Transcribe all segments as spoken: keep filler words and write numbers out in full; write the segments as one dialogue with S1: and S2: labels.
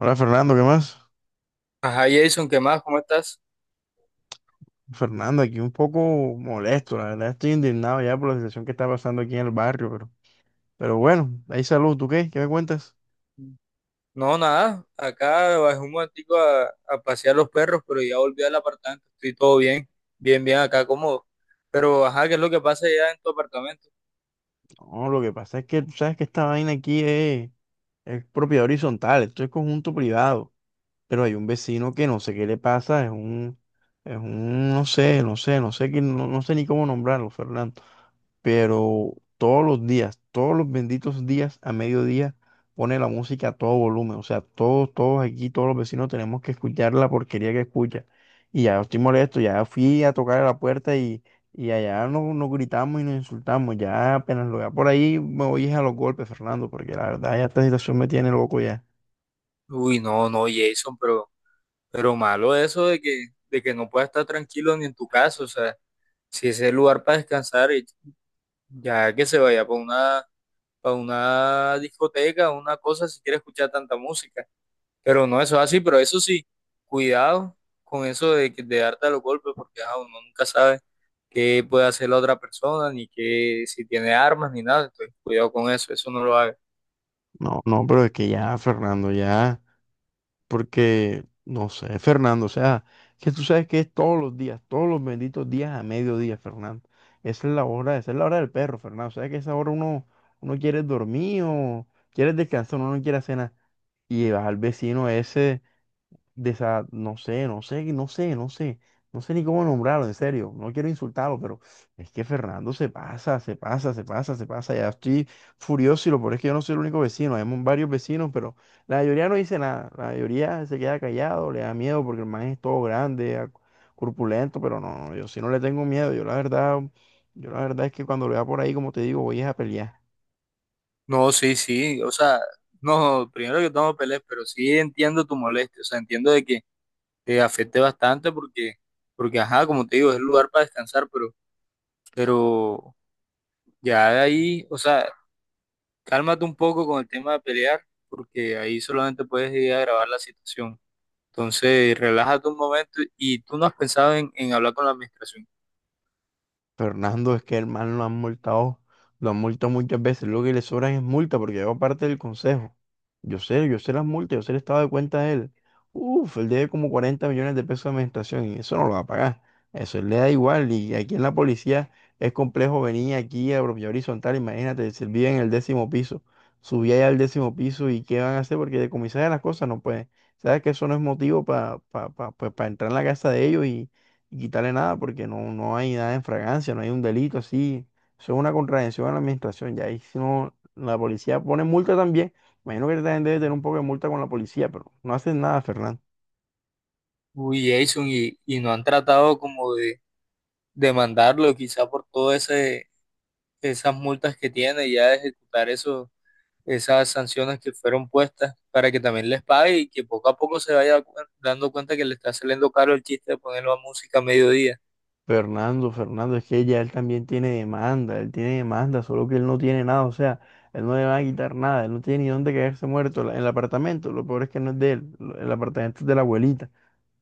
S1: Hola Fernando, ¿qué más?
S2: Ajá, Jason, ¿qué más? ¿Cómo estás?
S1: Fernando, aquí un poco molesto, la verdad estoy indignado ya por la situación que está pasando aquí en el barrio, pero, pero bueno, ahí salud, ¿tú qué? ¿Qué me cuentas?
S2: No, nada. Acá bajé un momentico a, a pasear los perros, pero ya volví al apartamento. Estoy todo bien, bien, bien acá, cómodo. Pero, ajá, ¿qué es lo que pasa ya en tu apartamento?
S1: No, lo que pasa es que tú sabes que esta vaina aquí es, es propiedad horizontal, esto es conjunto privado, pero hay un vecino que no sé qué le pasa, es un, es un, no sé, no sé, no sé, qué- no, no sé ni cómo nombrarlo, Fernando. Pero todos los días, todos los benditos días a mediodía pone la música a todo volumen, o sea, todos, todos aquí, todos los vecinos tenemos que escuchar la porquería que escucha. Y ya estoy molesto, ya fui a tocar a la puerta y, y allá nos, nos gritamos y nos insultamos, ya apenas lo vea por ahí me voy a los golpes, Fernando, porque la verdad ya esta situación me tiene loco ya.
S2: Uy, no, no, Jason, pero, pero malo eso de que, de que no puedas estar tranquilo ni en tu casa. O sea, si ese es el lugar para descansar, y ya que se vaya para una, para una discoteca, una cosa, si quiere escuchar tanta música. Pero no, eso es así, pero eso sí, cuidado con eso de, que- de darte a los golpes, porque ajá, uno nunca sabe qué puede hacer la otra persona, ni qué, si tiene armas, ni nada. Entonces, cuidado con eso, eso no lo hagas.
S1: No, no, pero es que ya, Fernando, ya. Porque, no sé, Fernando, o sea, que tú sabes que es todos los días, todos los benditos días a mediodía, Fernando. Esa es la hora, esa es la hora del perro, Fernando. O sea, que a esa hora uno, uno quiere dormir o quiere descansar, uno no quiere hacer nada. Y vas al vecino ese desa- no sé, no sé, no sé, no sé, no sé ni cómo nombrarlo, en serio, no quiero insultarlo, pero es que Fernando se pasa, se pasa, se pasa, se pasa, ya estoy furioso y lo peor es que yo no soy el único vecino, hay mu- varios vecinos, pero la mayoría no dice nada, la mayoría se queda callado, le da miedo porque el man es todo grande, ac- corpulento, pero no, no, yo sí no le tengo miedo, yo la verdad, yo la verdad es que cuando lo vea por ahí, como te digo, voy es a pelear.
S2: No, sí, sí, o sea, no, primero que todo no pelees, pero sí entiendo tu molestia, o sea, entiendo de que te afecte bastante porque, porque ajá, como te digo, es el lugar para descansar, pero, pero ya de ahí, o sea, cálmate un poco con el tema de pelear, porque ahí solamente puedes ir a grabar la situación. Entonces, relájate un momento y tú no has pensado en, en hablar con la administración.
S1: Fernando, es que el man lo han multado, lo han multado muchas veces. Lo que le sobran es multa, porque yo parte del consejo. Yo sé, yo sé las multas, yo sé el estado de cuenta de él. Uf, él debe como cuarenta millones de pesos de administración y eso no lo va a pagar. Eso él le da igual. Y aquí en la policía es complejo venir aquí a propiedad horizontal. Imagínate, si él vive en el décimo piso, subía allá al décimo piso y qué van a hacer porque decomisar las cosas no pueden. Sabes que eso no es motivo para entrar en la casa de ellos y quitarle nada porque no, no hay nada en fragancia, no hay un delito así. Eso es una contravención a la administración. Ya ahí si no, la policía pone multa también. Imagino que también debe tener un poco de multa con la policía, pero no hacen nada, Fernando.
S2: Uy, Jason, y, y no han tratado como de demandarlo quizá por todas esas multas que tiene y ya de ejecutar eso, esas sanciones que fueron puestas para que también les pague y que poco a poco se vaya cu- dando cuenta que le está saliendo caro el chiste de ponerlo a música a mediodía.
S1: Fernando, Fernando, es que ya él también tiene demanda, él tiene demanda, solo que él no tiene nada, o sea, él no le van a quitar nada, él no tiene ni dónde quedarse muerto, la- el apartamento, lo peor es que no es de él, lo- el apartamento es de la abuelita.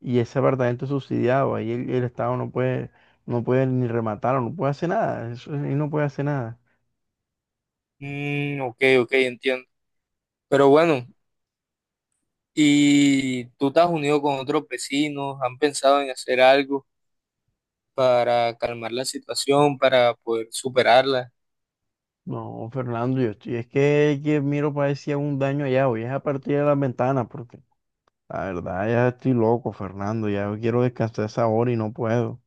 S1: Y ese apartamento es subsidiado, ahí el, el Estado no puede, no puede ni rematarlo, no puede hacer nada, eso, ahí no puede hacer nada.
S2: Mm, ok, ok, entiendo. Pero bueno, ¿y tú te has unido con otros vecinos? ¿Han pensado en hacer algo para calmar la situación, para poder superarla?
S1: No, Fernando, yo estoy, es que, que miro para ver si un daño allá, voy es a partir de las ventanas, porque la verdad ya estoy loco, Fernando, ya yo quiero descansar esa hora y no puedo.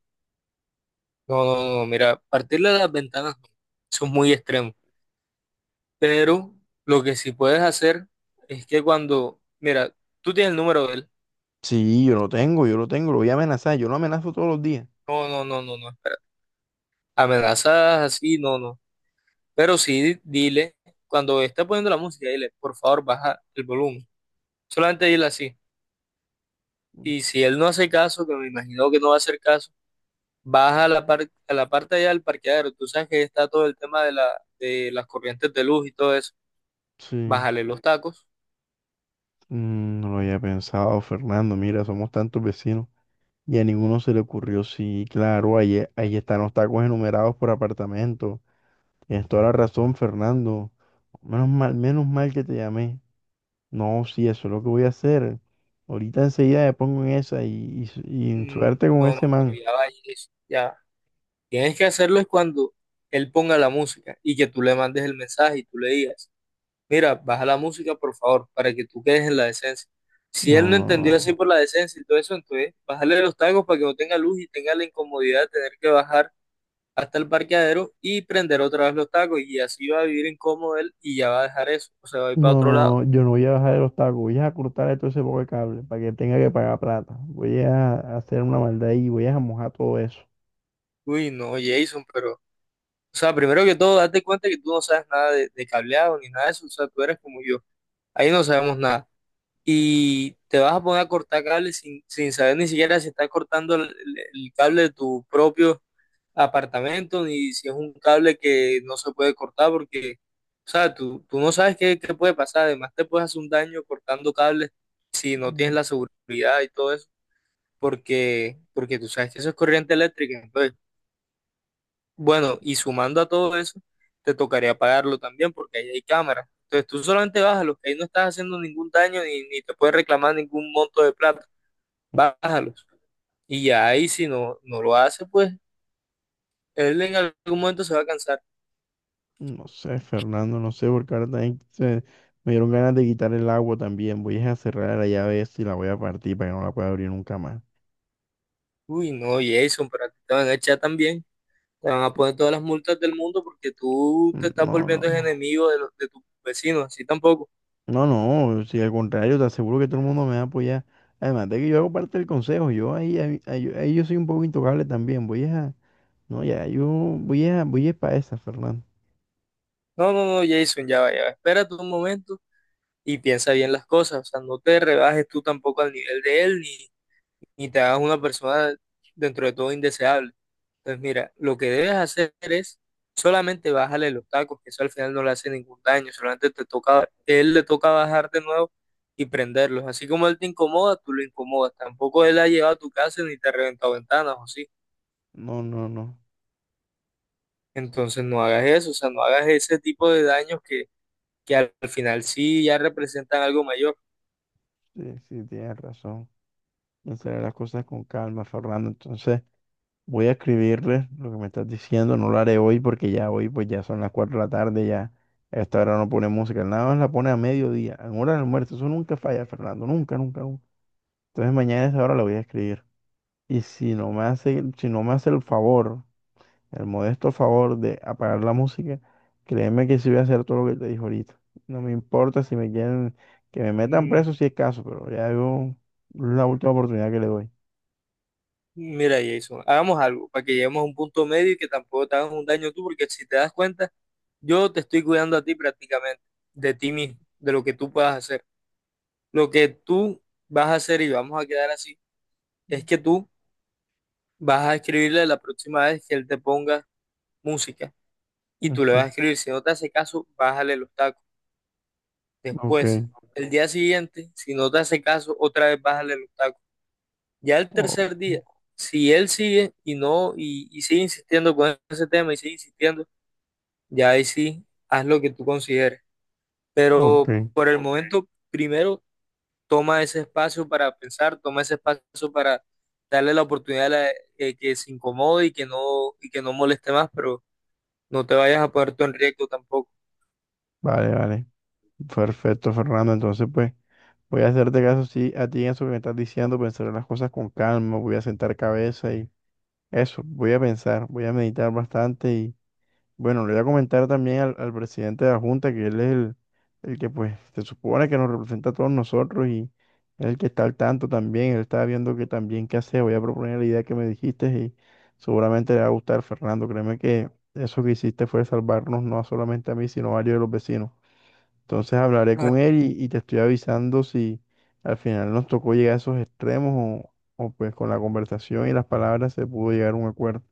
S2: No, no, no, mira, partirle las ventanas, no, eso es muy extremo. Pero lo que sí puedes hacer es que cuando, mira, tú tienes el número de él.
S1: Sí, yo lo tengo, yo lo tengo, lo voy a amenazar, yo lo amenazo todos los días.
S2: No, no, no, no, no, espera. Amenazas así, no, no. Pero sí, dile, cuando esté poniendo la música, dile, por favor, baja el volumen. Solamente dile así. Y si él no hace caso, que me imagino que no va a hacer caso, vas a la, par- a la parte allá del parqueadero, tú sabes que está todo el tema de, la, de las corrientes de luz y todo eso,
S1: Sí,
S2: bájale los tacos.
S1: mm, no lo había pensado, Fernando, mira, somos tantos vecinos. Y a ninguno se le ocurrió, sí, claro, ahí, e- ahí están los tacos enumerados por apartamento. Tienes toda la razón, Fernando. Menos mal, menos mal que te llamé. No, sí, eso es lo que voy a hacer. Ahorita enseguida me pongo en esa y, y, y
S2: Mm,
S1: suerte con
S2: no, no,
S1: ese
S2: pero
S1: man.
S2: ya vayas, ya, tienes que hacerlo es cuando él ponga la música y que tú le mandes el mensaje y tú le digas, mira, baja la música por favor, para que tú quedes en la decencia. Si
S1: No,
S2: él no
S1: no,
S2: entendió así
S1: no.
S2: por la decencia y todo eso, entonces bájale los tacos para que no tenga luz y tenga la incomodidad de tener que bajar hasta el parqueadero y prender otra vez los tacos y así va a vivir incómodo él y ya va a dejar eso, o sea, va a ir para
S1: No,
S2: otro lado.
S1: no, no. Yo no voy a bajar el obstáculo. Voy a cortar todo ese poco de cable para que tenga que pagar plata. Voy a hacer una maldad y voy a mojar todo eso.
S2: Uy, no, Jason, pero, o sea, primero que todo, date cuenta que tú no sabes nada de, de cableado ni nada de eso, o sea, tú eres como yo, ahí no sabemos nada. Y te vas a poner a cortar cables sin, sin saber ni siquiera si estás cortando el, el- el cable de tu propio apartamento, ni si es un cable que no se puede cortar, porque, o sea, tú, tú no sabes qué, qué puede pasar. Además, te puedes hacer un daño cortando cables si no tienes
S1: Mm,
S2: la seguridad y todo eso, porque, porque tú sabes que eso es corriente eléctrica. Entonces, bueno, y sumando a todo eso, te tocaría pagarlo también, porque ahí hay cámaras. Entonces, tú solamente bájalos, que ahí no estás haciendo ningún daño ni, ni te puedes reclamar ningún monto de plata. Bájalos. Y ya ahí, si no, no lo hace, pues él en algún momento se va a cansar.
S1: no sé, Fernando, no sé, porque ahora también se- me dieron ganas de quitar el agua también. Voy a cerrar la llave esa y la voy a partir para que no la pueda abrir nunca más.
S2: Uy, no, Jason, pero a ti te van a echar también. Te van a poner todas las multas del mundo porque tú te
S1: Mm,
S2: estás
S1: no,
S2: volviendo el
S1: no.
S2: enemigo de, los, de tus vecinos, así tampoco.
S1: No, no, si al contrario, te aseguro que todo el mundo me va a apoyar. Además de que yo hago parte del consejo, yo ahí, ahí, ahí- ahí yo soy un poco intocable también. Voy a, no, ya, yo voy a, voy a para esa, Fernando.
S2: No, no, no, Jason, ya va, ya va. Espérate un momento y piensa bien las cosas. O sea, no te rebajes tú tampoco al nivel de él ni, ni te hagas una persona dentro de todo indeseable. Pues mira, lo que debes hacer es solamente bajarle los tacos, que eso al final no le hace ningún daño, solamente te toca, él le toca bajar de nuevo y prenderlos. Así como él te incomoda, tú lo incomodas. Tampoco él ha llegado a tu casa ni te ha reventado ventanas o sí.
S1: No, no, no,
S2: Entonces no hagas eso, o sea, no hagas ese tipo de daños que, que al al final sí ya representan algo mayor.
S1: sí, sí, tienes razón. Pensaré las cosas con calma, Fernando. Entonces, voy a escribirle lo que me estás diciendo. No lo haré hoy porque ya hoy, pues ya son las cuatro de la tarde, ya a esta hora no pone música. Nada más la pone a mediodía, en hora del almuerzo. Eso nunca falla, Fernando, nunca, nunca, nunca. Entonces, mañana a esa hora la voy a escribir. Y si no me hace, si no me hace el favor, el modesto favor de apagar la música, créeme que sí voy a hacer todo lo que te dije ahorita. No me importa si me quieren, que me metan
S2: Mm,
S1: preso si es caso, pero ya yo es la última oportunidad que le doy.
S2: Mira, Jason, hagamos algo para que lleguemos a un punto medio y que tampoco te hagas un daño tú, porque si te das cuenta, yo te estoy cuidando a ti prácticamente, de ti mismo, de lo que tú puedas hacer. Lo que tú vas a hacer y vamos a quedar así, es que tú vas a escribirle la próxima vez que él te ponga música y tú le vas a
S1: Ujú,
S2: escribir, si no te hace caso, bájale los tacos. Después,
S1: ok,
S2: el día siguiente, si no te hace caso, otra vez bájale los tacos. Ya el
S1: o-
S2: tercer día, si él sigue y no, y, y sigue insistiendo con ese tema y sigue insistiendo, ya ahí sí, haz lo que tú consideres.
S1: ok,
S2: Pero por el momento, primero toma ese espacio para pensar, toma ese espacio para darle la oportunidad a la- eh, que se incomode y que no, y que no moleste más, pero no te vayas a poner tú en riesgo tampoco.
S1: vale, vale. Perfecto, Fernando. Entonces, pues, voy a hacerte caso sí, a ti en eso que me estás diciendo, pensaré las cosas con calma, voy a sentar cabeza y eso, voy a pensar, voy a meditar bastante. Bueno, le voy a comentar también al, al presidente de la Junta que él es el, el que pues se supone que nos representa a todos nosotros y es el que está al tanto también, él está viendo que también qué hacer, voy a proponer la idea que me dijiste y seguramente le va a gustar, Fernando, créeme que eso que hiciste fue salvarnos no solamente a mí, sino a varios de los vecinos. Entonces hablaré
S2: No,
S1: con él y, y te estoy avisando si al final nos tocó llegar a esos extremos o, o pues con la conversación y las palabras se pudo llegar a un acuerdo.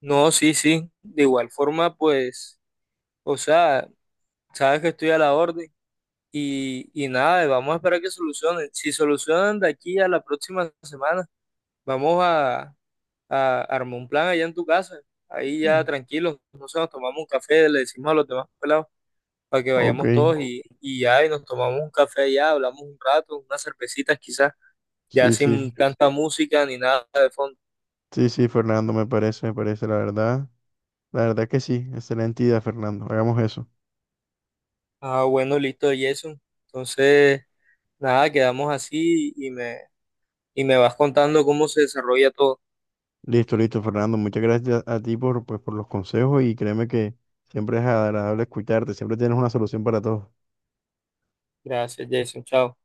S2: no, sí, sí. De igual forma, pues, o sea, sabes que estoy a la orden y, y nada, vamos a esperar que solucionen. Si solucionan de aquí a la próxima semana, vamos a, a armar un plan allá en tu casa. Ahí ya
S1: Mm.
S2: tranquilos, no sé, nos tomamos un café, le decimos a los demás pelados para que
S1: Ok,
S2: vayamos todos y, y ya, y nos tomamos un café allá, hablamos un rato, unas cervecitas quizás, ya
S1: sí, sí.
S2: sin tanta música ni nada de fondo.
S1: Sí, sí, Fernando, me parece, me parece, la verdad. La verdad que sí, excelente idea, Fernando. Hagamos eso.
S2: Ah, bueno, listo, Jason. Entonces, nada, quedamos así y me, y me vas contando cómo se desarrolla todo.
S1: Listo, listo, Fernando. Muchas gracias a ti por, pues, por los consejos y créeme que siempre es agradable escucharte, siempre tienes una solución para todo.
S2: Gracias, Jason. Chao.